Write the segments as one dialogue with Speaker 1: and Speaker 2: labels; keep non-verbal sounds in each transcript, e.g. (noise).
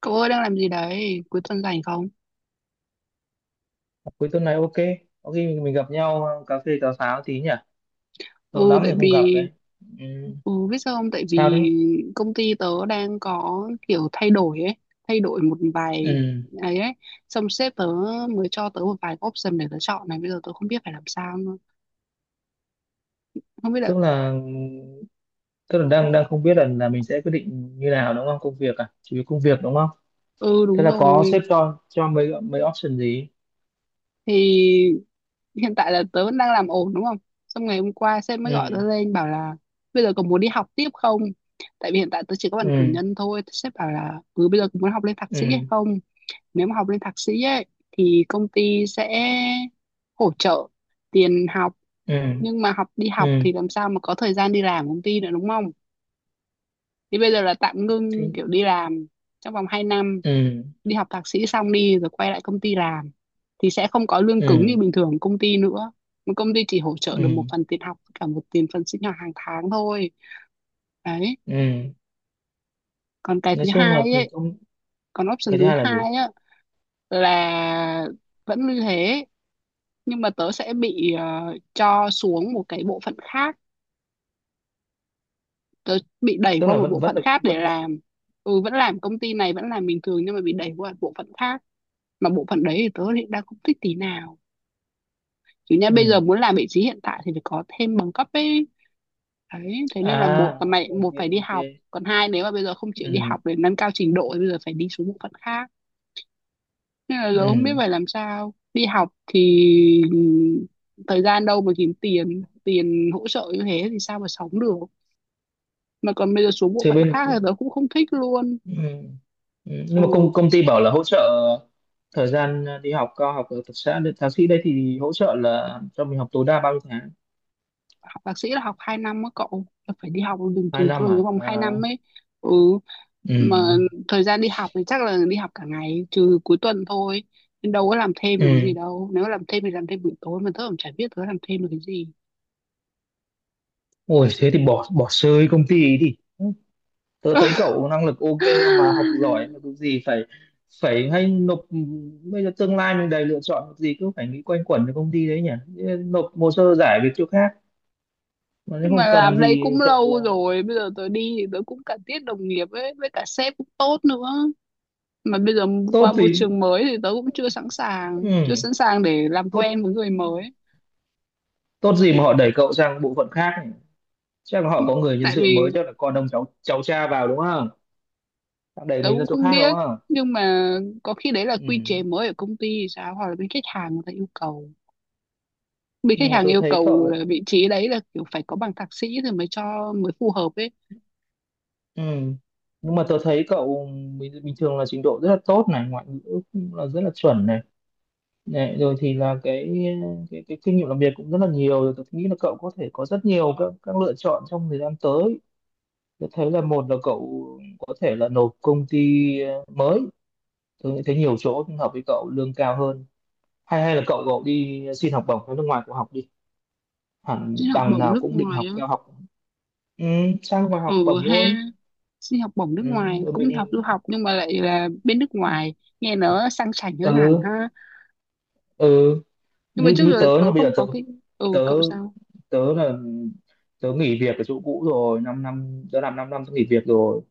Speaker 1: Cậu ơi đang làm gì đấy? Cuối tuần rảnh không?
Speaker 2: Cuối tuần này ok. Có khi mình gặp nhau, cà phê cà pháo tí nhỉ. Lâu
Speaker 1: Ừ,
Speaker 2: lắm
Speaker 1: tại
Speaker 2: rồi không gặp
Speaker 1: vì...
Speaker 2: đấy. Ừ.
Speaker 1: Ừ, biết sao không? Tại
Speaker 2: Sao
Speaker 1: vì
Speaker 2: đấy?
Speaker 1: công ty tớ đang có kiểu thay đổi ấy. Thay đổi một vài...
Speaker 2: Ừ.
Speaker 1: ấy ấy. Xong sếp tớ mới cho tớ một vài option để tớ chọn này. Bây giờ tớ không biết phải làm sao nữa. Không biết là...
Speaker 2: tức là tức là đang đang không biết là mình sẽ quyết định như nào đúng không, công việc à, chỉ vì công việc đúng không?
Speaker 1: Ừ,
Speaker 2: Thế
Speaker 1: đúng
Speaker 2: là có sếp
Speaker 1: rồi.
Speaker 2: cho mấy mấy option gì?
Speaker 1: Thì hiện tại là tớ vẫn đang làm ổn đúng không, xong ngày hôm qua sếp mới gọi tớ
Speaker 2: Ừ.
Speaker 1: lên bảo là bây giờ còn muốn đi học tiếp không, tại vì hiện tại tớ chỉ có bằng cử
Speaker 2: Ừ.
Speaker 1: nhân thôi. Sếp bảo là ừ bây giờ còn muốn học lên thạc sĩ hay
Speaker 2: Ừ.
Speaker 1: không. Nếu mà học lên thạc sĩ ấy thì công ty sẽ hỗ trợ tiền học,
Speaker 2: Ừ.
Speaker 1: nhưng mà học đi học
Speaker 2: Ừ.
Speaker 1: thì làm sao mà có thời gian đi làm công ty nữa đúng không. Thì bây giờ là tạm
Speaker 2: Thế.
Speaker 1: ngưng kiểu đi làm trong vòng 2 năm,
Speaker 2: Ừ.
Speaker 1: đi học thạc sĩ xong đi rồi quay lại công ty làm thì sẽ không có lương cứng như
Speaker 2: Ừ.
Speaker 1: bình thường công ty nữa, mà công ty chỉ hỗ trợ
Speaker 2: Ừ.
Speaker 1: được một phần tiền học với cả một tiền phần sinh hoạt hàng tháng thôi. Đấy,
Speaker 2: Ừ.
Speaker 1: còn cái
Speaker 2: Nói
Speaker 1: thứ
Speaker 2: chung là
Speaker 1: hai ấy.
Speaker 2: công.
Speaker 1: Còn option
Speaker 2: Cái thứ
Speaker 1: thứ
Speaker 2: hai là gì?
Speaker 1: hai á, là vẫn như thế nhưng mà tớ sẽ bị cho xuống một cái bộ phận khác, tớ bị đẩy
Speaker 2: Tức
Speaker 1: qua
Speaker 2: là
Speaker 1: một
Speaker 2: vẫn
Speaker 1: bộ
Speaker 2: vẫn
Speaker 1: phận
Speaker 2: được
Speaker 1: khác để
Speaker 2: vẫn được
Speaker 1: làm. Ừ vẫn làm công ty này, vẫn làm bình thường nhưng mà bị đẩy qua bộ phận khác, mà bộ phận đấy thì tớ đang không thích tí nào. Chứ nha bây giờ
Speaker 2: Ừ.
Speaker 1: muốn làm vị trí hiện tại thì phải có thêm bằng cấp ấy. Đấy thế nên
Speaker 2: À,
Speaker 1: là một là mày
Speaker 2: ok.
Speaker 1: một phải đi
Speaker 2: Ok.
Speaker 1: học, còn hai nếu mà bây giờ không chịu đi
Speaker 2: Ừ.
Speaker 1: học để nâng cao trình độ thì bây giờ phải đi xuống bộ phận khác. Nên là giờ không biết
Speaker 2: Ừ.
Speaker 1: phải làm sao, đi học thì ừ, thời gian đâu mà kiếm tiền tiền hỗ trợ như thế thì sao mà sống được, mà còn bây giờ xuống bộ
Speaker 2: Thì
Speaker 1: phận
Speaker 2: bên,
Speaker 1: khác
Speaker 2: ừ.
Speaker 1: thì tớ cũng không thích luôn.
Speaker 2: Ừ. Nhưng
Speaker 1: Ừ
Speaker 2: mà công công ty bảo là hỗ trợ thời gian đi học cao học ở thực xã. Thế thạc sĩ đây thì hỗ trợ là cho mình học tối đa bao nhiêu tháng?
Speaker 1: học thạc sĩ là học 2 năm á cậu, là phải đi học đường
Speaker 2: hai
Speaker 1: từ
Speaker 2: năm
Speaker 1: trường trong
Speaker 2: à?
Speaker 1: vòng 2
Speaker 2: À.
Speaker 1: năm ấy. Ừ
Speaker 2: Ừ.
Speaker 1: mà thời gian đi học thì chắc là đi học cả ngày trừ cuối tuần thôi, nên đâu có làm thêm được cái
Speaker 2: Ừ.
Speaker 1: gì đâu. Nếu làm thêm thì làm thêm buổi tối, mà tớ cũng chả biết tớ làm thêm được cái gì.
Speaker 2: Ôi thế thì bỏ bỏ rơi công ty ấy đi. Tớ thấy cậu năng lực ok mà, học
Speaker 1: (laughs)
Speaker 2: giỏi mà, cái gì phải. Hay nộp. Bây giờ tương lai mình đầy lựa chọn, cái gì cứ phải nghĩ quanh quẩn với công ty đấy nhỉ? Nộp hồ sơ giải việc chỗ khác, mà nếu
Speaker 1: Nhưng mà
Speaker 2: không cần
Speaker 1: làm đây
Speaker 2: thì
Speaker 1: cũng
Speaker 2: cậu.
Speaker 1: lâu rồi, bây giờ tớ đi thì tớ cũng cả tiết đồng nghiệp ấy với cả sếp cũng tốt nữa. Mà bây giờ qua
Speaker 2: Tốt
Speaker 1: môi
Speaker 2: thì,
Speaker 1: trường mới thì tớ cũng chưa sẵn sàng chưa
Speaker 2: ừ.
Speaker 1: sẵn sàng để làm
Speaker 2: tốt
Speaker 1: quen với người mới.
Speaker 2: tốt gì mà họ đẩy cậu sang bộ phận khác nhỉ? Chắc là họ có người nhân
Speaker 1: Tại
Speaker 2: sự mới,
Speaker 1: vì
Speaker 2: chắc là con ông cháu cháu cha vào đúng không? Họ đẩy
Speaker 1: tớ
Speaker 2: mình ra
Speaker 1: cũng
Speaker 2: chỗ
Speaker 1: không
Speaker 2: khác đúng
Speaker 1: biết,
Speaker 2: không?
Speaker 1: nhưng mà có khi đấy là quy
Speaker 2: Ừ.
Speaker 1: chế mới ở công ty thì sao, hoặc là bên khách hàng người ta yêu cầu. Bên khách
Speaker 2: nhưng mà
Speaker 1: hàng
Speaker 2: tôi
Speaker 1: yêu
Speaker 2: thấy
Speaker 1: cầu là
Speaker 2: cậu
Speaker 1: vị trí đấy là kiểu phải có bằng thạc sĩ thì mới cho, mới phù hợp ấy.
Speaker 2: Ừ. Nhưng mà tôi thấy cậu bình thường là trình độ rất là tốt này, ngoại ngữ cũng là rất là chuẩn này. Này, rồi thì là cái kinh nghiệm làm việc cũng rất là nhiều rồi. Tôi nghĩ là cậu có thể có rất nhiều các lựa chọn trong thời gian tới. Tôi thấy là một là cậu có thể là nộp công ty, mới. Tôi nghĩ thấy nhiều chỗ hợp với cậu lương cao hơn. Hay hay là cậu cậu đi xin học bổng ở nước ngoài, cậu học đi, hẳn
Speaker 1: Xin học
Speaker 2: đằng
Speaker 1: bổng
Speaker 2: nào
Speaker 1: nước
Speaker 2: cũng định
Speaker 1: ngoài
Speaker 2: học
Speaker 1: á?
Speaker 2: cao học. Ừ, sang ngoài
Speaker 1: Ừ
Speaker 2: học bổng luôn.
Speaker 1: ha, xin học bổng nước
Speaker 2: Ừ,
Speaker 1: ngoài
Speaker 2: rồi
Speaker 1: cũng
Speaker 2: mình.
Speaker 1: đi học du học nhưng mà lại là bên nước ngoài, nghe nó sang chảnh hơn hẳn
Speaker 2: Ừ.
Speaker 1: ha.
Speaker 2: Ừ.
Speaker 1: Nhưng mà
Speaker 2: như
Speaker 1: trước
Speaker 2: như
Speaker 1: giờ
Speaker 2: tớ là
Speaker 1: tớ
Speaker 2: bây
Speaker 1: không
Speaker 2: giờ tớ
Speaker 1: có cái... ừ
Speaker 2: tớ
Speaker 1: cậu sao?
Speaker 2: Tớ là tớ nghỉ việc ở chỗ cũ rồi 5 năm năm. Tớ làm 5 năm năm, tớ nghỉ việc rồi.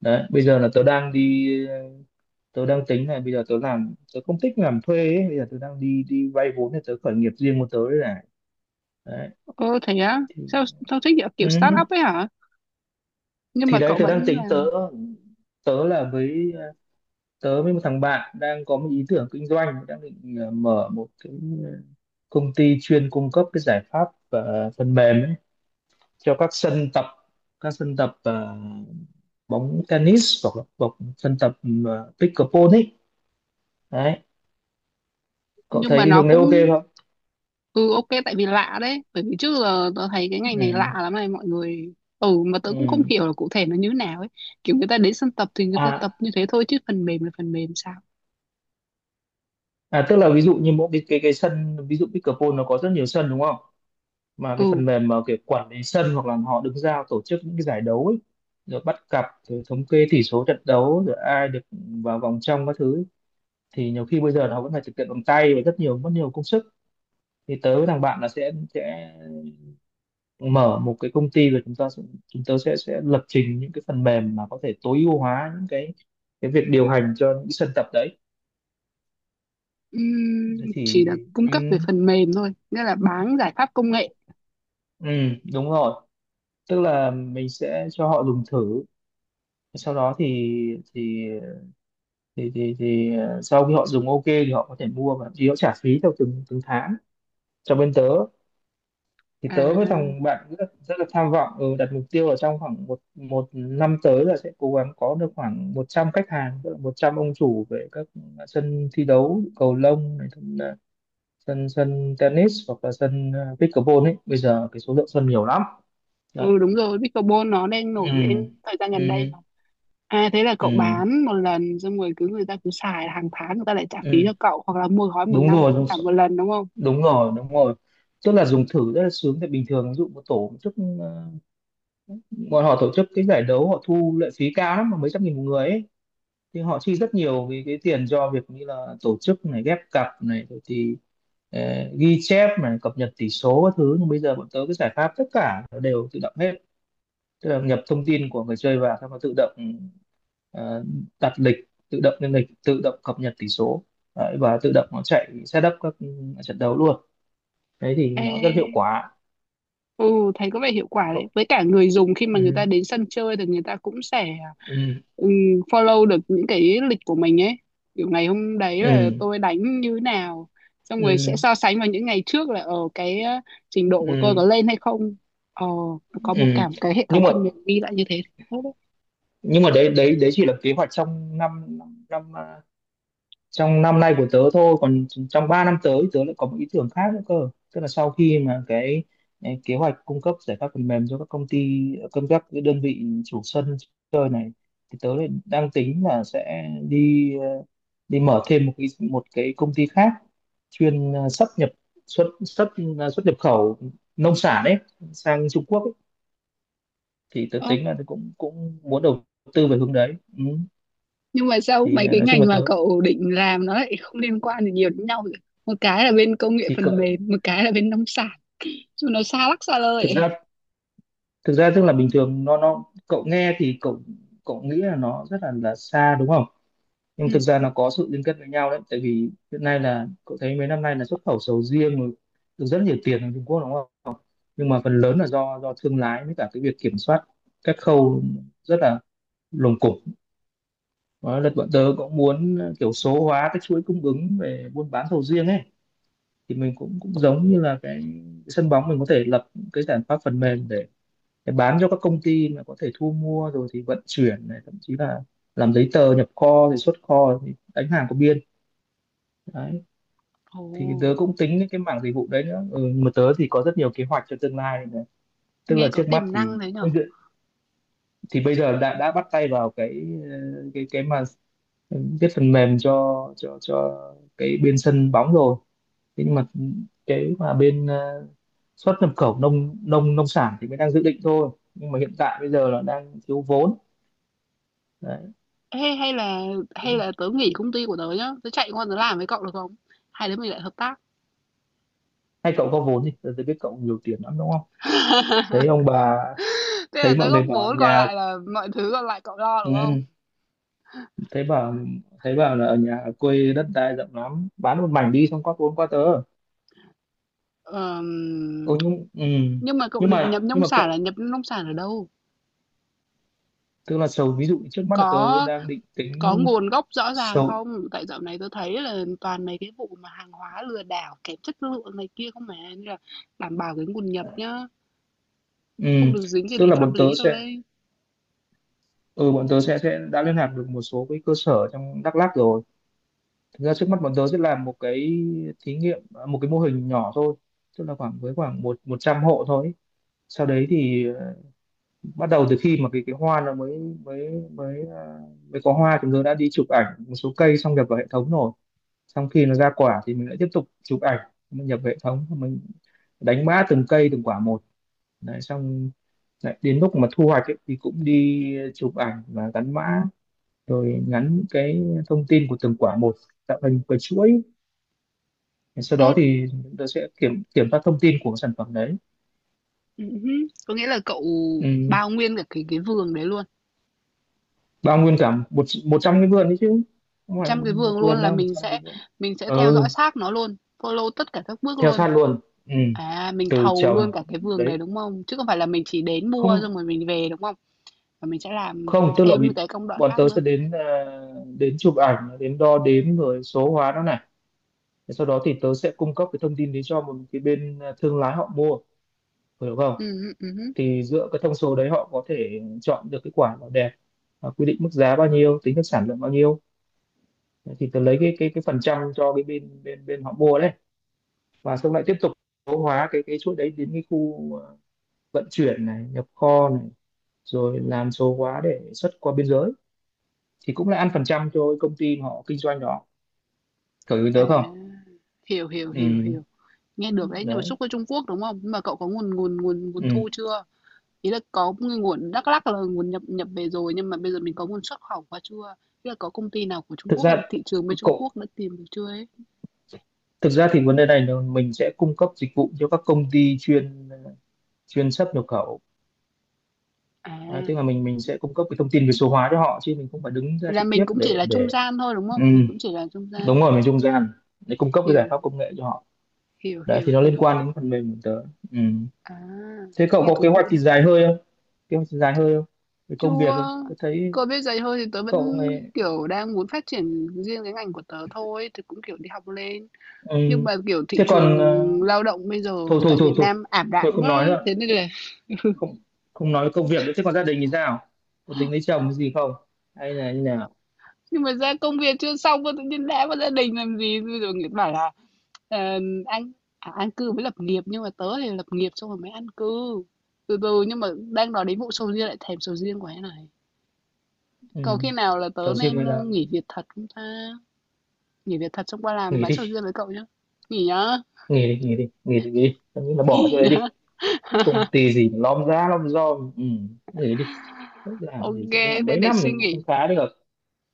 Speaker 2: Đấy bây giờ là tớ đang đi. Tớ đang tính là bây giờ tớ làm, tớ không thích làm thuê ấy. Bây giờ tớ đang đi đi vay vốn để tớ khởi nghiệp riêng của tớ đấy này. Đấy.
Speaker 1: Ờ thế á?
Speaker 2: Thì,
Speaker 1: Sao sao thích kiểu
Speaker 2: ừ,
Speaker 1: kiểu start up ấy hả? Nhưng mà
Speaker 2: thì đấy
Speaker 1: cậu
Speaker 2: tớ đang
Speaker 1: vẫn
Speaker 2: tính tớ.
Speaker 1: làm.
Speaker 2: Tớ là với Tớ với một thằng bạn đang có một ý tưởng kinh doanh, đang định, mở một cái, ờ, công ty chuyên cung cấp cái giải pháp, phần mềm ấy, cho các sân tập, các sân tập ờ, bóng tennis hoặc là bóng sân tập, ừ, pickleball ấy. Đấy. Cậu
Speaker 1: Nhưng
Speaker 2: thấy
Speaker 1: mà
Speaker 2: cái
Speaker 1: nó
Speaker 2: hướng đấy ok
Speaker 1: cũng...
Speaker 2: không?
Speaker 1: Ừ ok, tại vì lạ đấy, bởi vì trước giờ tớ thấy cái ngành này
Speaker 2: Ừ.
Speaker 1: lạ lắm này mọi người, ừ mà tớ cũng không
Speaker 2: Ừ.
Speaker 1: hiểu là cụ thể nó như nào ấy. Kiểu người ta đến sân tập thì người ta
Speaker 2: À,
Speaker 1: tập như thế thôi, chứ phần mềm là phần mềm sao?
Speaker 2: tức là ví dụ như mỗi cái sân, ví dụ pickleball nó có rất nhiều sân đúng không? Mà cái
Speaker 1: Ừ,
Speaker 2: phần mềm mà kiểu quản lý sân hoặc là họ đứng ra tổ chức những cái giải đấu ấy, rồi bắt cặp, rồi thống kê tỷ số trận đấu, rồi ai được vào vòng trong các thứ ấy. Thì nhiều khi bây giờ là họ vẫn phải thực hiện bằng tay và rất nhiều, mất nhiều công sức. Thì tớ với thằng bạn là sẽ mở một cái công ty, rồi chúng tớ sẽ lập trình những cái phần mềm mà có thể tối ưu hóa những cái việc điều hành cho những sân tập đấy.
Speaker 1: ừm,
Speaker 2: Thế thì,
Speaker 1: chỉ là cung
Speaker 2: ừ,
Speaker 1: cấp về phần mềm thôi, nghĩa là bán giải pháp công nghệ
Speaker 2: ừ, đúng rồi. Tức là mình sẽ cho họ dùng thử, sau đó thì thì ờ, sau khi họ dùng ok thì họ có thể mua, và thì họ trả phí theo từng từng tháng cho bên tớ. Thì tớ với
Speaker 1: à?
Speaker 2: thằng bạn rất là tham vọng, ừ, đặt mục tiêu là trong khoảng một một năm tới là sẽ cố gắng có được khoảng 100 khách hàng, tức là 100 ông chủ về các sân thi đấu cầu lông này, cũng là sân sân tennis hoặc là sân, pickleball ấy. Bây giờ cái số lượng sân nhiều lắm đấy.
Speaker 1: Ừ đúng rồi, pickleball nó đang
Speaker 2: Ừ.
Speaker 1: nổi lên thời gian
Speaker 2: Ừ.
Speaker 1: gần đây mà. À thế là cậu
Speaker 2: Ừ.
Speaker 1: bán một lần xong rồi cứ người ta cứ xài hàng tháng người ta lại trả phí cho
Speaker 2: Ừ.
Speaker 1: cậu, hoặc là mua gói một
Speaker 2: Đúng
Speaker 1: năm
Speaker 2: rồi,
Speaker 1: cũng trả một lần đúng không?
Speaker 2: đúng rồi, đúng rồi. Tức là dùng thử rất là sướng, tại bình thường ví dụ một tổ chức, ờ, bọn họ tổ chức cái giải đấu, họ thu lệ phí cao lắm, mà mấy trăm nghìn một người ấy. Thì họ chi rất nhiều vì cái tiền cho việc như là tổ chức này, ghép cặp này, rồi thì, ờ, ghi chép này, cập nhật tỷ số các thứ. Nhưng bây giờ bọn tớ cái giải pháp tất cả nó đều tự động hết, tức là nhập thông tin của người chơi vào xong nó tự động, ờ, đặt lịch, tự động lên lịch, tự động cập nhật tỷ số. Đấy, và tự động nó chạy setup các, ừ, trận đấu luôn. Đấy thì
Speaker 1: Ê,
Speaker 2: nó rất hiệu quả.
Speaker 1: ừ, thấy có vẻ hiệu quả đấy. Với cả người dùng khi mà người ta
Speaker 2: Ừ.
Speaker 1: đến sân chơi thì người ta cũng sẽ
Speaker 2: Ừ.
Speaker 1: ừm, follow được những cái lịch của mình ấy. Kiểu ngày hôm đấy là
Speaker 2: Ừ.
Speaker 1: tôi đánh như nào. Xong rồi sẽ
Speaker 2: Ừ.
Speaker 1: so sánh vào những ngày trước là ở cái trình độ của tôi có
Speaker 2: Ừ.
Speaker 1: lên hay không. Ờ, có một
Speaker 2: Ừ.
Speaker 1: cả một cái hệ thống
Speaker 2: nhưng mà
Speaker 1: phần mềm ghi lại như thế. Tốt đấy.
Speaker 2: nhưng mà đấy đấy đấy chỉ là kế hoạch trong năm năm năm, à, trong năm nay của tớ thôi, còn trong 3 năm tới tớ lại có một ý tưởng khác nữa cơ. Tức là sau khi mà cái kế hoạch cung cấp giải pháp phần mềm cho các công ty, các cái đơn vị chủ sân chơi này, thì tớ lại đang tính là sẽ đi, đi mở thêm một cái công ty khác chuyên, à, xuất nhập xuất xuất à, xuất nhập khẩu nông sản ấy sang Trung Quốc. Thì tớ
Speaker 1: Ờ,
Speaker 2: tính là tớ cũng cũng muốn đầu tư về hướng đấy, ừ.
Speaker 1: nhưng mà sao
Speaker 2: Thì,
Speaker 1: mấy
Speaker 2: à,
Speaker 1: cái
Speaker 2: nói chung
Speaker 1: ngành
Speaker 2: là tớ.
Speaker 1: mà cậu định làm nó lại không liên quan gì nhiều đến nhau vậy? Một cái là bên công nghệ
Speaker 2: Thì cậu.
Speaker 1: phần mềm, một cái là bên nông sản. Chứ nó xa lắc xa lơi
Speaker 2: thực
Speaker 1: ấy.
Speaker 2: ra thực ra tức là bình thường nó cậu nghe thì cậu cậu nghĩ là nó rất là xa đúng không? Nhưng thực
Speaker 1: Ừ.
Speaker 2: ra nó có sự liên kết với nhau đấy. Tại vì hiện nay là cậu thấy mấy năm nay là xuất khẩu sầu riêng rồi, được rất nhiều tiền ở Trung Quốc đúng không? Nhưng mà phần lớn là do thương lái, với cả cái việc kiểm soát các khâu rất là lồng cộp. Đó là bọn tớ cũng muốn kiểu số hóa cái chuỗi cung ứng về buôn bán sầu riêng ấy. Thì mình cũng cũng giống như là cái sân bóng, mình có thể lập cái giải pháp phần mềm để bán cho các công ty mà có thể thu mua rồi thì vận chuyển này, thậm chí là làm giấy tờ nhập kho thì xuất kho thì đánh hàng có biên. Đấy. Thì
Speaker 1: Ồ.
Speaker 2: tớ cũng tính đến cái mảng dịch vụ đấy nữa, ừ, mà tớ thì có rất nhiều kế hoạch cho tương lai này. Tức là
Speaker 1: Nghe có
Speaker 2: trước mắt
Speaker 1: tiềm
Speaker 2: thì
Speaker 1: năng thế nhở?
Speaker 2: thì bây giờ đã bắt tay vào cái mà viết phần mềm cho cái bên sân bóng rồi. Thế nhưng mà cái mà bên, xuất nhập khẩu nông nông nông sản thì mới đang dự định thôi, nhưng mà hiện tại bây giờ là đang thiếu vốn. Đấy.
Speaker 1: Ê, hay là tớ nghỉ công ty của tớ nhá, tớ chạy qua tớ làm với cậu được không? Hai đứa mình lại hợp tác.
Speaker 2: Hay cậu có vốn thì tôi biết cậu nhiều tiền lắm đúng không? Thấy
Speaker 1: (laughs)
Speaker 2: ông bà,
Speaker 1: Thế là
Speaker 2: thấy
Speaker 1: tớ
Speaker 2: mọi người
Speaker 1: góp
Speaker 2: bảo
Speaker 1: vốn còn
Speaker 2: nhà,
Speaker 1: lại là mọi thứ còn lại cậu lo đúng
Speaker 2: ừ,
Speaker 1: không?
Speaker 2: thấy bảo thấy bảo là ở nhà ở quê đất đai rộng lắm, bán một mảnh đi xong có vốn qua tớ.
Speaker 1: Ờm,
Speaker 2: Ô, nhưng ừ.
Speaker 1: nhưng mà cậu
Speaker 2: nhưng
Speaker 1: định nhập
Speaker 2: mà nhưng
Speaker 1: nông
Speaker 2: mà
Speaker 1: sản là
Speaker 2: cậu,
Speaker 1: nhập nông sản ở đâu?
Speaker 2: tức là ví dụ trước mắt là tớ
Speaker 1: Có
Speaker 2: đang định
Speaker 1: có
Speaker 2: tính.
Speaker 1: nguồn gốc rõ ràng
Speaker 2: sầu
Speaker 1: không? Tại dạo này tớ thấy là toàn mấy cái vụ mà hàng hóa lừa đảo kém chất lượng này kia không mà, nên là đảm bảo cái nguồn nhập nhá,
Speaker 2: ừ.
Speaker 1: không được dính gì
Speaker 2: Tức
Speaker 1: đến
Speaker 2: là
Speaker 1: pháp
Speaker 2: bọn tớ
Speaker 1: lý đâu
Speaker 2: sẽ,
Speaker 1: đây.
Speaker 2: ừ, bọn tớ sẽ đã liên lạc được một số cái cơ sở trong Đắk Lắk rồi. Thực ra trước mắt bọn tớ sẽ làm một cái thí nghiệm, à, một cái mô hình nhỏ thôi, tức là khoảng một một trăm hộ thôi ấy. Sau đấy thì, bắt đầu từ khi mà cái hoa nó mới mới mới, mới có hoa, chúng tớ đã đi chụp ảnh một số cây xong nhập vào hệ thống rồi. Xong khi nó ra quả thì mình lại tiếp tục chụp ảnh, mình nhập vào hệ thống, mình đánh mã từng cây, từng quả một. Đấy. Xong lại đến lúc mà thu hoạch ấy, thì cũng đi chụp ảnh và gắn mã, rồi ngắn cái thông tin của từng quả một, tạo thành một cái chuỗi. Sau
Speaker 1: Ê,
Speaker 2: đó thì chúng ta sẽ kiểm kiểm tra thông tin của cái sản phẩm đấy.
Speaker 1: ừm hứm. Có nghĩa là cậu
Speaker 2: Ừ.
Speaker 1: bao nguyên cả cái vườn đấy luôn,
Speaker 2: Bao nguyên cả một một trăm cái vườn đấy chứ, không phải là
Speaker 1: 100
Speaker 2: một,
Speaker 1: cái
Speaker 2: một
Speaker 1: vườn luôn
Speaker 2: vườn
Speaker 1: là
Speaker 2: đâu, một
Speaker 1: mình
Speaker 2: trăm cái
Speaker 1: sẽ
Speaker 2: vườn.
Speaker 1: mình sẽ theo
Speaker 2: Ừ,
Speaker 1: dõi sát nó luôn, follow tất cả các bước
Speaker 2: theo
Speaker 1: luôn.
Speaker 2: sát luôn. Ừ.
Speaker 1: À, mình
Speaker 2: Từ
Speaker 1: thầu
Speaker 2: trồng.
Speaker 1: luôn cả cái vườn đấy,
Speaker 2: Đấy.
Speaker 1: đúng không? Chứ không phải là mình chỉ đến mua xong
Speaker 2: Không,
Speaker 1: rồi mình về, đúng không? Và mình sẽ làm
Speaker 2: không, tức là
Speaker 1: thêm những
Speaker 2: vì
Speaker 1: cái công đoạn
Speaker 2: bọn
Speaker 1: khác
Speaker 2: tớ
Speaker 1: nữa.
Speaker 2: sẽ đến, à, đến chụp ảnh, đến đo đếm rồi số hóa nó này. Thế sau đó thì tớ sẽ cung cấp cái thông tin đấy cho một cái bên, à, thương lái họ mua, hiểu không?
Speaker 1: Hứm, hứm.
Speaker 2: Thì dựa cái thông số đấy họ có thể chọn được cái quả nào đẹp, à, quy định mức giá bao nhiêu, tính được sản lượng bao nhiêu. Đấy, thì tớ lấy cái phần trăm cho cái bên bên bên họ mua đấy. Và xong lại tiếp tục số hóa cái chuỗi đấy đến cái khu, vận chuyển này, nhập kho này, rồi làm số hóa để xuất qua biên giới, thì cũng là ăn phần trăm cho cái công ty mà họ kinh doanh đó. Cậu ý
Speaker 1: À,
Speaker 2: tớ không?
Speaker 1: hiểu, hiểu, hiểu,
Speaker 2: Ừ.
Speaker 1: hiểu. Nghe được đấy, nhưng mà xuất
Speaker 2: Đấy.
Speaker 1: qua Trung Quốc, đúng không? Nhưng mà cậu có nguồn nguồn nguồn nguồn
Speaker 2: Ừ.
Speaker 1: thu chưa? Ý là có một cái nguồn Đắk Lắk là nguồn nhập nhập về rồi, nhưng mà bây giờ mình có nguồn xuất khẩu qua chưa? Ý là có công ty nào của Trung
Speaker 2: thực
Speaker 1: Quốc hay là
Speaker 2: ra
Speaker 1: thị trường bên Trung
Speaker 2: cậu
Speaker 1: Quốc đã tìm được chưa ấy?
Speaker 2: Thực ra thì vấn đề này là mình sẽ cung cấp dịch vụ cho các công ty chuyên chuyên xuất nhập khẩu.
Speaker 1: À,
Speaker 2: À, tức là mình sẽ cung cấp cái thông tin về số hóa cho họ chứ mình không phải đứng ra
Speaker 1: là
Speaker 2: trực
Speaker 1: mình
Speaker 2: tiếp
Speaker 1: cũng chỉ
Speaker 2: để
Speaker 1: là trung
Speaker 2: để
Speaker 1: gian thôi đúng
Speaker 2: Ừ,
Speaker 1: không? Mình cũng chỉ là trung gian.
Speaker 2: đúng rồi, mình trung gian để cung cấp cái giải
Speaker 1: Hiểu,
Speaker 2: pháp công nghệ cho họ.
Speaker 1: hiểu,
Speaker 2: Đấy
Speaker 1: hiểu,
Speaker 2: thì nó liên
Speaker 1: hiểu.
Speaker 2: quan đến phần mềm của tớ. Ừ.
Speaker 1: À,
Speaker 2: Thế cậu
Speaker 1: nghe
Speaker 2: có kế
Speaker 1: thú vị
Speaker 2: hoạch gì
Speaker 1: đấy.
Speaker 2: dài hơi không? kế hoạch gì dài hơi không Về công việc không?
Speaker 1: Chưa.
Speaker 2: Tớ thấy
Speaker 1: Còn bây giờ thôi thì tớ vẫn
Speaker 2: cậu này.
Speaker 1: kiểu đang muốn phát triển riêng cái ngành của tớ thôi, thì cũng kiểu đi học lên.
Speaker 2: Ừ.
Speaker 1: Nhưng mà kiểu thị
Speaker 2: Thế
Speaker 1: trường
Speaker 2: còn,
Speaker 1: lao động bây giờ
Speaker 2: thôi thôi
Speaker 1: tại
Speaker 2: thôi
Speaker 1: Việt
Speaker 2: thôi
Speaker 1: Nam ảm
Speaker 2: thôi,
Speaker 1: đạm
Speaker 2: không
Speaker 1: quá,
Speaker 2: nói nữa.
Speaker 1: thế nên là
Speaker 2: Không, không nói công việc nữa. Thế còn gia đình thì sao? Có tính lấy chồng cái gì không? Hay là như nào?
Speaker 1: nhưng mà ra công việc chưa xong mà tự nhiên đá vào gia đình làm gì rồi người ta bảo là ờ, anh à, an cư với lập nghiệp, nhưng mà tớ thì lập nghiệp xong rồi mới an cư từ từ. Nhưng mà đang nói đến vụ sầu riêng lại thèm sầu riêng quá này,
Speaker 2: Ừ.
Speaker 1: có khi nào là tớ
Speaker 2: Chồng riêng
Speaker 1: nên
Speaker 2: hay là
Speaker 1: nghỉ việc thật không ta, nghỉ việc thật xong qua làm
Speaker 2: nghỉ
Speaker 1: bán sầu
Speaker 2: đi,
Speaker 1: riêng với cậu nhá. Nghỉ nhá.
Speaker 2: nghỉ đi, nghỉ đi, nghỉ đi, nghỉ đi. Tớ nghĩ là
Speaker 1: (laughs)
Speaker 2: bỏ chỗ
Speaker 1: Nghỉ
Speaker 2: đấy
Speaker 1: nhá.
Speaker 2: đi, công ty gì mà lom ra lom rom. Ừ. Người đi làm gì
Speaker 1: Ok
Speaker 2: chứ, làm
Speaker 1: thế
Speaker 2: mấy
Speaker 1: để
Speaker 2: năm thì
Speaker 1: suy
Speaker 2: cũng không
Speaker 1: nghĩ,
Speaker 2: khá được.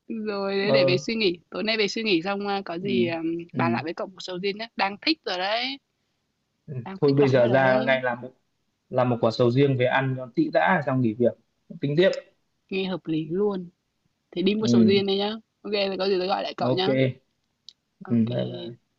Speaker 1: rồi để về
Speaker 2: Ờ.
Speaker 1: suy nghĩ tối nay, về suy nghĩ xong ờ, có gì
Speaker 2: Ừ,
Speaker 1: ờ,
Speaker 2: ừ,
Speaker 1: bàn lại với cậu một sầu riêng nhé, đang thích rồi đấy,
Speaker 2: ừ.
Speaker 1: đang
Speaker 2: Thôi
Speaker 1: thích
Speaker 2: bây
Speaker 1: lắm rồi
Speaker 2: giờ ra
Speaker 1: đấy.
Speaker 2: ngay làm một quả sầu riêng về ăn cho tị đã, xong nghỉ việc tính tiếp.
Speaker 1: Nghe hợp lý luôn. Thì đi mua sầu
Speaker 2: Ừ.
Speaker 1: riêng đây nhá. Ok thì có gì tôi gọi lại cậu
Speaker 2: Ok.
Speaker 1: nhá.
Speaker 2: Ừ.
Speaker 1: Ok.
Speaker 2: Bye bye.